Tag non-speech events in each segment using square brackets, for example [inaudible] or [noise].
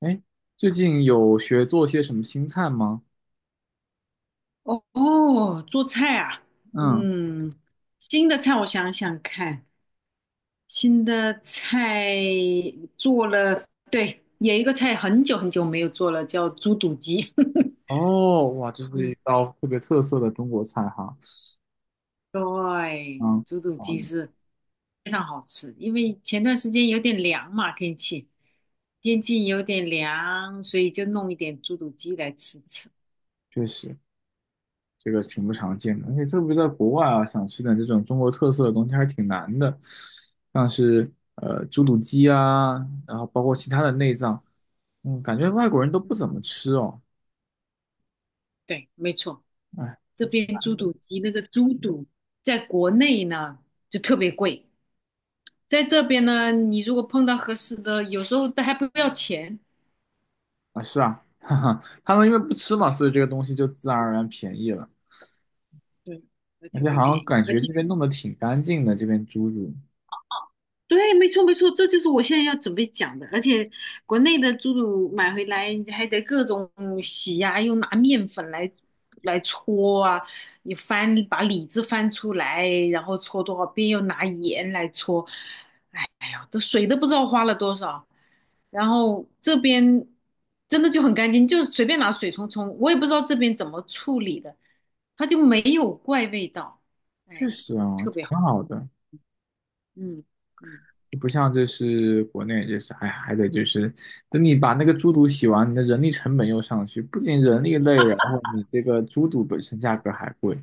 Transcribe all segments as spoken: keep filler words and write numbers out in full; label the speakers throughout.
Speaker 1: 哎，最近有学做些什么新菜吗？
Speaker 2: 哦哦做菜啊，
Speaker 1: 嗯，
Speaker 2: 嗯，新的菜我想想看，新的菜做了，对，有一个菜很久很久没有做了，叫猪肚鸡。[laughs]
Speaker 1: 哦，哇，这是
Speaker 2: 嗯，
Speaker 1: 一道特别特色的中国菜哈。
Speaker 2: 对，
Speaker 1: 嗯，
Speaker 2: 猪肚
Speaker 1: 啊，
Speaker 2: 鸡是非常好吃，因为前段时间有点凉嘛，天气天气有点凉，所以就弄一点猪肚鸡来吃吃。
Speaker 1: 确实，这个挺不
Speaker 2: 嗯
Speaker 1: 常见的，而且特别在国外啊，想吃点这种中国特色的东西还是挺难的，像是呃猪肚鸡啊，然后包括其他的内脏，嗯，感觉外国人都不怎
Speaker 2: 嗯，
Speaker 1: 么吃哦。
Speaker 2: 对，没错。
Speaker 1: 哎，
Speaker 2: 这边猪肚鸡那个猪肚在国内呢就特别贵，在这边呢，你如果碰到合适的，有时候都还不要钱，
Speaker 1: 啊，是啊，[laughs] 哈哈，他们因为不吃嘛，所以这个东西就自然而然便宜了。
Speaker 2: 对，还
Speaker 1: 而
Speaker 2: 特
Speaker 1: 且
Speaker 2: 别
Speaker 1: 好
Speaker 2: 便
Speaker 1: 像
Speaker 2: 宜，
Speaker 1: 感
Speaker 2: 而
Speaker 1: 觉
Speaker 2: 且
Speaker 1: 这边弄得挺干净的，这边猪肚
Speaker 2: 对，没错没错，这就是我现在要准备讲的。而且国内的猪肚买回来，你还得各种洗呀、又拿面粉来来搓啊，你翻把里子翻出来，然后搓多少遍，又拿盐来搓。哎哎呦，这水都不知道花了多少。然后这边真的就很干净，就随便拿水冲冲，我也不知道这边怎么处理的，它就没有怪味道，
Speaker 1: 确
Speaker 2: 哎，
Speaker 1: 实啊，
Speaker 2: 特别
Speaker 1: 挺
Speaker 2: 好。
Speaker 1: 好的，
Speaker 2: 嗯嗯。
Speaker 1: 就不像这是国内，就是还还得就是等你把那个猪肚洗完，你的人力成本又上去，不仅人力累，然后你这个猪肚本身价格还贵，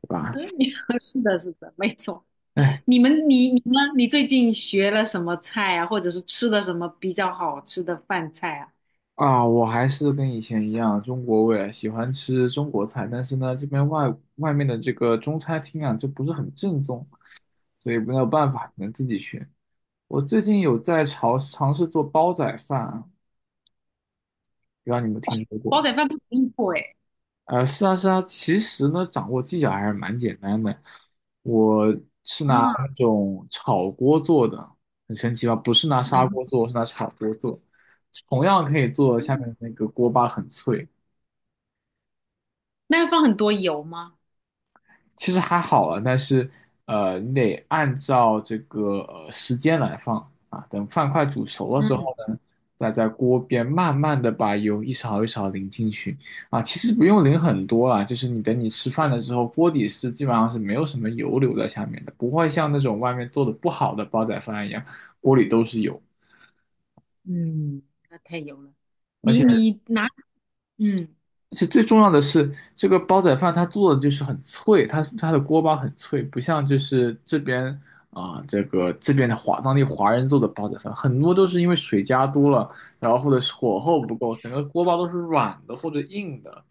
Speaker 1: 对
Speaker 2: [laughs]
Speaker 1: 吧？
Speaker 2: 嗯，是的，是的，没错。
Speaker 1: 哎
Speaker 2: 你们，你你呢？你最近学了什么菜啊？或者是吃的什么比较好吃的饭菜啊？
Speaker 1: 啊，我还是跟以前一样，中国胃，喜欢吃中国菜，但是呢，这边外外面的这个中餐厅啊，就不是很正宗，所以没有办法，只能自己学。我最近有在尝尝试做煲仔饭，不知道你有没有听说
Speaker 2: 煲
Speaker 1: 过？
Speaker 2: 仔饭不容易做哎。
Speaker 1: 呃，是啊，是啊，其实呢，掌握技巧还是蛮简单的。我是拿
Speaker 2: 啊，
Speaker 1: 那种炒锅做的，很神奇吧？不是拿砂锅做，我是拿炒锅做，同样可以做下
Speaker 2: 嗯，
Speaker 1: 面那个锅巴很脆。
Speaker 2: 那要放很多油吗？
Speaker 1: 其实还好了，但是呃，你得按照这个呃时间来放啊。等饭快煮熟的时候
Speaker 2: 嗯
Speaker 1: 呢，再在锅边慢慢的把油一勺一勺淋进去啊。其实不用淋很多啦，就是你等你吃饭的时候，锅底是基本上是没有什么油留在下面的，不会像那种外面做的不好的煲仔饭一样，锅里都是油。
Speaker 2: 嗯，那太油了。
Speaker 1: 而
Speaker 2: 你
Speaker 1: 且。
Speaker 2: 你拿，嗯，
Speaker 1: 其实最重要的是，这个煲仔饭它做的就是很脆，它它的锅巴很脆，不像就是这边啊、这个这边的华当地华人做的煲仔饭，很多都是因为水加多了，然后或者是火候不够，整个锅巴都是软的或者硬的，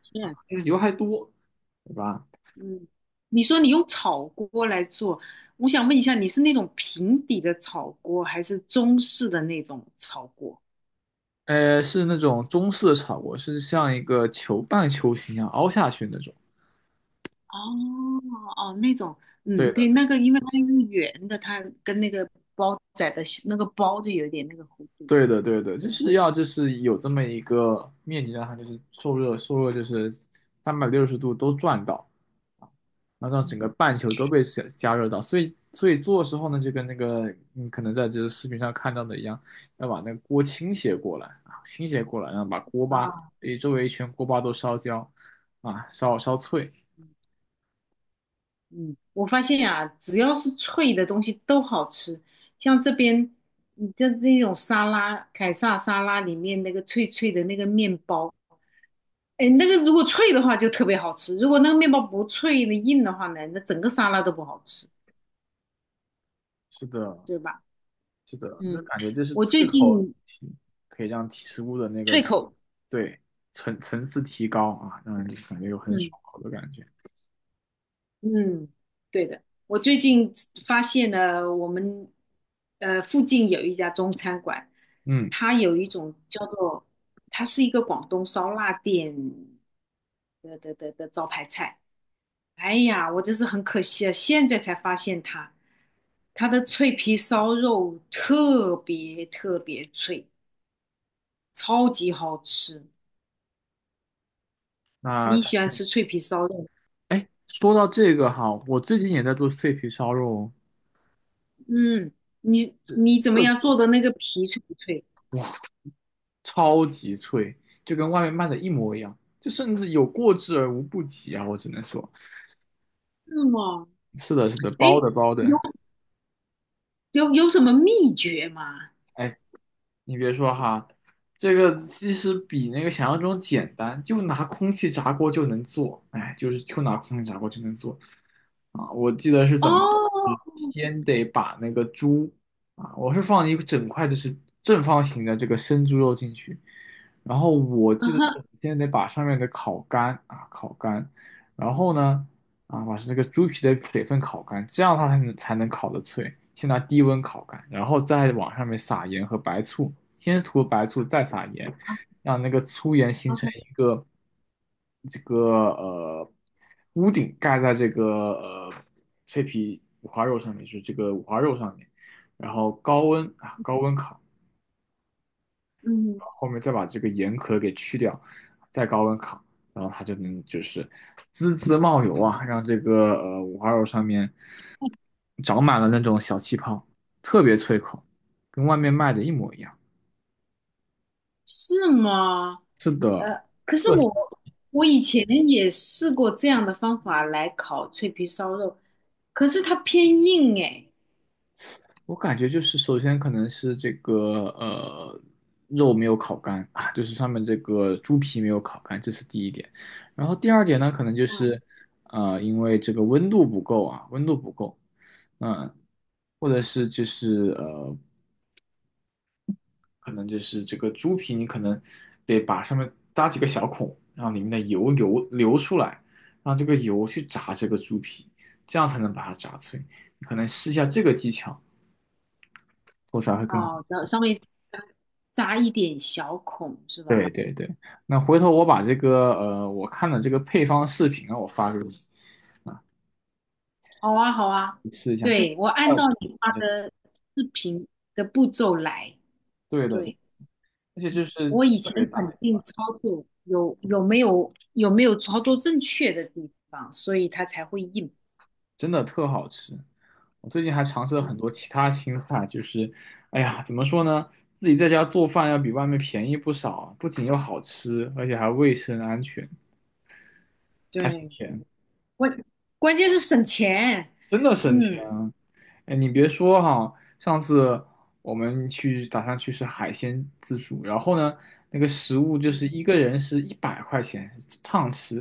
Speaker 2: 是，
Speaker 1: 就是油还多，对吧？
Speaker 2: 嗯，你说你用炒锅来做，我想问一下，你是那种平底的炒锅，还是中式的那种炒锅？
Speaker 1: 呃，是那种中式的炒锅，是像一个球半球形一样凹下去那种。
Speaker 2: 哦哦，那种，嗯，
Speaker 1: 对的，
Speaker 2: 对，那个，因为它是圆的，它跟那个包仔的那个包就有点那个弧度，
Speaker 1: 对的，对的，就
Speaker 2: 对，[laughs] 不
Speaker 1: 是
Speaker 2: 是，
Speaker 1: 要就是有这么一个面积，让它就是受热，受热就是三百六十度都转到，啊然后让整
Speaker 2: 嗯
Speaker 1: 个半球都被加加热到。所以，所以做的时候呢，就跟那个你可能在这个视频上看到的一样，要把那个锅倾斜过来啊，倾斜过来，然后把锅巴，
Speaker 2: 啊，
Speaker 1: 诶，周围一圈锅巴都烧焦啊，烧烧脆。
Speaker 2: 嗯，我发现呀、只要是脆的东西都好吃，像这边，你像这种沙拉，凯撒沙拉里面那个脆脆的那个面包，哎，那个如果脆的话就特别好吃，如果那个面包不脆的硬的话呢，那整个沙拉都不好吃，
Speaker 1: 是的，
Speaker 2: 对吧？
Speaker 1: 是的，就是
Speaker 2: 嗯，
Speaker 1: 感觉就是
Speaker 2: 我
Speaker 1: 脆
Speaker 2: 最
Speaker 1: 口的东
Speaker 2: 近
Speaker 1: 西可以让提食物的那个
Speaker 2: 脆口。
Speaker 1: 对层层次提高啊，让人感觉有很
Speaker 2: 嗯。
Speaker 1: 爽口的感觉。
Speaker 2: 嗯，对的，我最近发现了我们呃附近有一家中餐馆，
Speaker 1: 嗯，
Speaker 2: 它有一种叫做，它是一个广东烧腊店的的的的招牌菜。哎呀，我真是很可惜啊，现在才发现它，它的脆皮烧肉特别特别脆，超级好吃。
Speaker 1: 那
Speaker 2: 你
Speaker 1: 它
Speaker 2: 喜欢吃脆皮烧肉？
Speaker 1: 哎，说到这个哈，我最近也在做脆皮烧肉哦，
Speaker 2: 嗯，你
Speaker 1: 这
Speaker 2: 你怎么
Speaker 1: 呃
Speaker 2: 样做的那个皮脆不脆？
Speaker 1: 哇，超级脆，就跟外面卖的一模一样，就甚至有过之而无不及啊，我只能说，
Speaker 2: 是吗？
Speaker 1: 是的，是的，
Speaker 2: 哎，
Speaker 1: 包的包
Speaker 2: 有
Speaker 1: 的，
Speaker 2: 有有什么秘诀吗？
Speaker 1: 哎，你别说哈，这个其实比那个想象中简单，就拿空气炸锅就能做，哎，就是就拿空气炸锅就能做啊！我记得是怎么，是
Speaker 2: 哦，
Speaker 1: 先得把那个猪啊，我是放一个整块的是正方形的这个生猪肉进去，然后我
Speaker 2: 嗯
Speaker 1: 记得是
Speaker 2: 哼，
Speaker 1: 先得把上面的烤干啊烤干，然后呢。啊，把这个猪皮的水分烤干，这样它才能才能烤得脆。先拿低温烤干，然后再往上面撒盐和白醋，先涂白醋，再撒盐，
Speaker 2: 啊
Speaker 1: 让那个粗盐形成
Speaker 2: ，OK，
Speaker 1: 一个这个呃屋顶，盖在这个呃脆皮五花肉上面，就是这个五花肉上面，然后高温啊高温烤，
Speaker 2: 嗯，
Speaker 1: 后面再把这个盐壳给去掉，再高温烤。然后它就能就是滋滋冒油啊，让这个呃五花肉上面长满了那种小气泡，特别脆口，跟外面卖的一模一样。
Speaker 2: 是吗？
Speaker 1: 是的，
Speaker 2: 呃，可是
Speaker 1: 特
Speaker 2: 我我以前也试过这样的方法来烤脆皮烧肉，可是它偏硬哎。
Speaker 1: 我感觉就是首先可能是这个呃肉没有烤干啊，就是上面这个猪皮没有烤干，这是第一点。然后第二点呢，可能就
Speaker 2: 嗯，
Speaker 1: 是呃因为这个温度不够啊，温度不够，嗯、或者是就是呃可能就是这个猪皮，你可能得把上面搭几个小孔，让里面的油油流出来，让这个油去炸这个猪皮，这样才能把它炸脆。你可能试一下这个技巧，做出来会更好。
Speaker 2: 好的，上面扎一点小孔是
Speaker 1: 对
Speaker 2: 吧？
Speaker 1: 对对，那回头我把这个呃我看的这个配方视频啊，我发给你，
Speaker 2: 好啊，好啊，
Speaker 1: 你试一下。就
Speaker 2: 对，我按照
Speaker 1: 呃，
Speaker 2: 你发的视频的步骤来，
Speaker 1: 对的对，
Speaker 2: 对。
Speaker 1: 而且就
Speaker 2: 嗯，
Speaker 1: 是
Speaker 2: 我以前肯定操作有有没有有没有操作正确的地方，所以它才会硬。
Speaker 1: 真的特好吃。我最近还尝试了很多其他新菜，就是，哎呀，怎么说呢，自己在家做饭要比外面便宜不少，不仅又好吃，而且还卫生安全，
Speaker 2: 对
Speaker 1: 还省
Speaker 2: 对，
Speaker 1: 钱，
Speaker 2: 关关键是省钱。
Speaker 1: 真的省
Speaker 2: 嗯
Speaker 1: 钱啊！哎，你别说哈，上次我们去打算去吃海鲜自助，然后呢，那个食物就
Speaker 2: 嗯
Speaker 1: 是一个人是一百块钱，畅吃，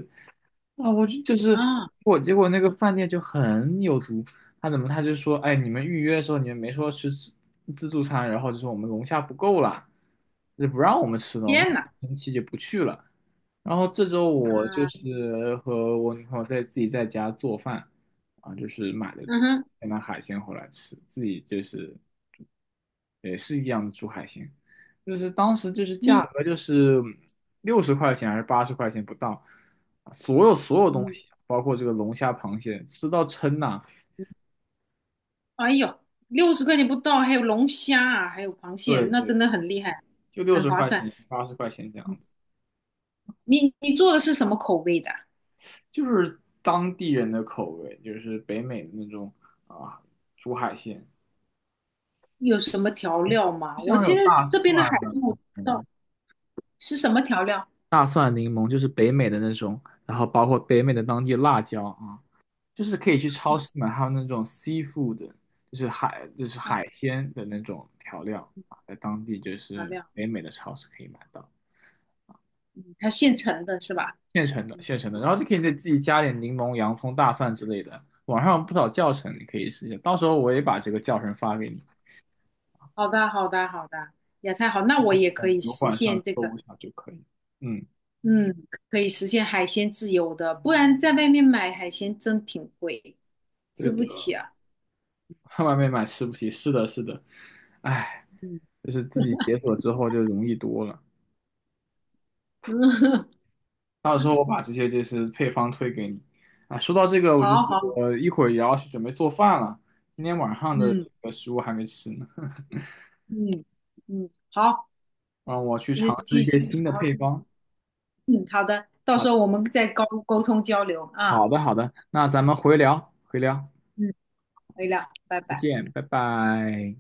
Speaker 1: 啊，我就就是
Speaker 2: 啊，
Speaker 1: 我，结果那个饭店就很有毒。他怎么他就说，哎，你们预约的时候你们没说吃自自助餐，然后就说我们龙虾不够了，就不让我们吃了，我们
Speaker 2: 天呐，
Speaker 1: 很生气就不去了。然后这周我就
Speaker 2: 啊
Speaker 1: 是和我女朋友在自己在家做饭，啊，就是买的这
Speaker 2: 嗯
Speaker 1: 个，
Speaker 2: 哼，
Speaker 1: 买海鲜回来吃，自己就是也是一样的煮海鲜。就是当时就是价
Speaker 2: 你
Speaker 1: 格就是六十块钱还是八十块钱不到，啊所有所有东
Speaker 2: 嗯，
Speaker 1: 西，包括这个龙虾、螃蟹，吃到撑呐、
Speaker 2: 哎呦，六十块钱不到，还有龙虾啊，还有螃蟹，
Speaker 1: 对
Speaker 2: 那
Speaker 1: 对，
Speaker 2: 真的很厉害，
Speaker 1: 就六
Speaker 2: 很
Speaker 1: 十
Speaker 2: 划
Speaker 1: 块
Speaker 2: 算。
Speaker 1: 钱、八十块钱这
Speaker 2: 嗯
Speaker 1: 样子，
Speaker 2: 你你做的是什么口味的？
Speaker 1: 就是当地人的口味，就是北美的那种啊，煮海鲜，
Speaker 2: 有什么调料吗？
Speaker 1: 就
Speaker 2: 我
Speaker 1: 像有
Speaker 2: 现在
Speaker 1: 大
Speaker 2: 这
Speaker 1: 蒜
Speaker 2: 边的海
Speaker 1: 呢、
Speaker 2: 鲜我不知道
Speaker 1: 嗯
Speaker 2: 是什么调料。
Speaker 1: 大蒜、柠檬，就是北美的那种，然后包括北美的当地辣椒啊，就是可以去超市
Speaker 2: 嗯
Speaker 1: 买还有那种 seafood，就是海就是海鲜的那种调料啊，在当地就
Speaker 2: 漂
Speaker 1: 是
Speaker 2: 料，
Speaker 1: 北美的超市可以买到
Speaker 2: 嗯它现成的是吧？
Speaker 1: 现成的
Speaker 2: 嗯，
Speaker 1: 现成的，然后你可以再自己加点柠檬、洋葱、大蒜之类的。网上有不少教程，你可以试一下，到时候我也把这个教程发给你，
Speaker 2: 好的，好的，好的，也太好，那我也可
Speaker 1: 嗯，
Speaker 2: 以
Speaker 1: 油
Speaker 2: 实
Speaker 1: 管上
Speaker 2: 现这个，
Speaker 1: 搜一下就可以。嗯，
Speaker 2: 嗯，可以实现海鲜自由的，不然在外面买海鲜真挺贵，
Speaker 1: 对
Speaker 2: 吃
Speaker 1: 的，
Speaker 2: 不起啊。
Speaker 1: [laughs] 外面买吃不起，是的，是的，哎，
Speaker 2: 嗯
Speaker 1: 就是自己解锁之后就容易多了。
Speaker 2: 嗯，[laughs]
Speaker 1: 到时候我把这些就是配方推给你。啊，说到这个，我就是
Speaker 2: 好好，
Speaker 1: 我一会儿也要去准备做饭了，今天晚上的
Speaker 2: 嗯
Speaker 1: 这个食物还没吃呢，[laughs]
Speaker 2: 嗯嗯，好，
Speaker 1: 让我去
Speaker 2: 呃，
Speaker 1: 尝试一
Speaker 2: 继
Speaker 1: 些
Speaker 2: 续
Speaker 1: 新的
Speaker 2: 好好
Speaker 1: 配
Speaker 2: 继续。
Speaker 1: 方。
Speaker 2: 嗯，好的，到
Speaker 1: 啊，
Speaker 2: 时候我们再沟沟通交流
Speaker 1: 好
Speaker 2: 啊，
Speaker 1: 的好的，那咱们回聊回聊，
Speaker 2: 嗯，可以了，拜
Speaker 1: 再
Speaker 2: 拜。
Speaker 1: 见，拜拜。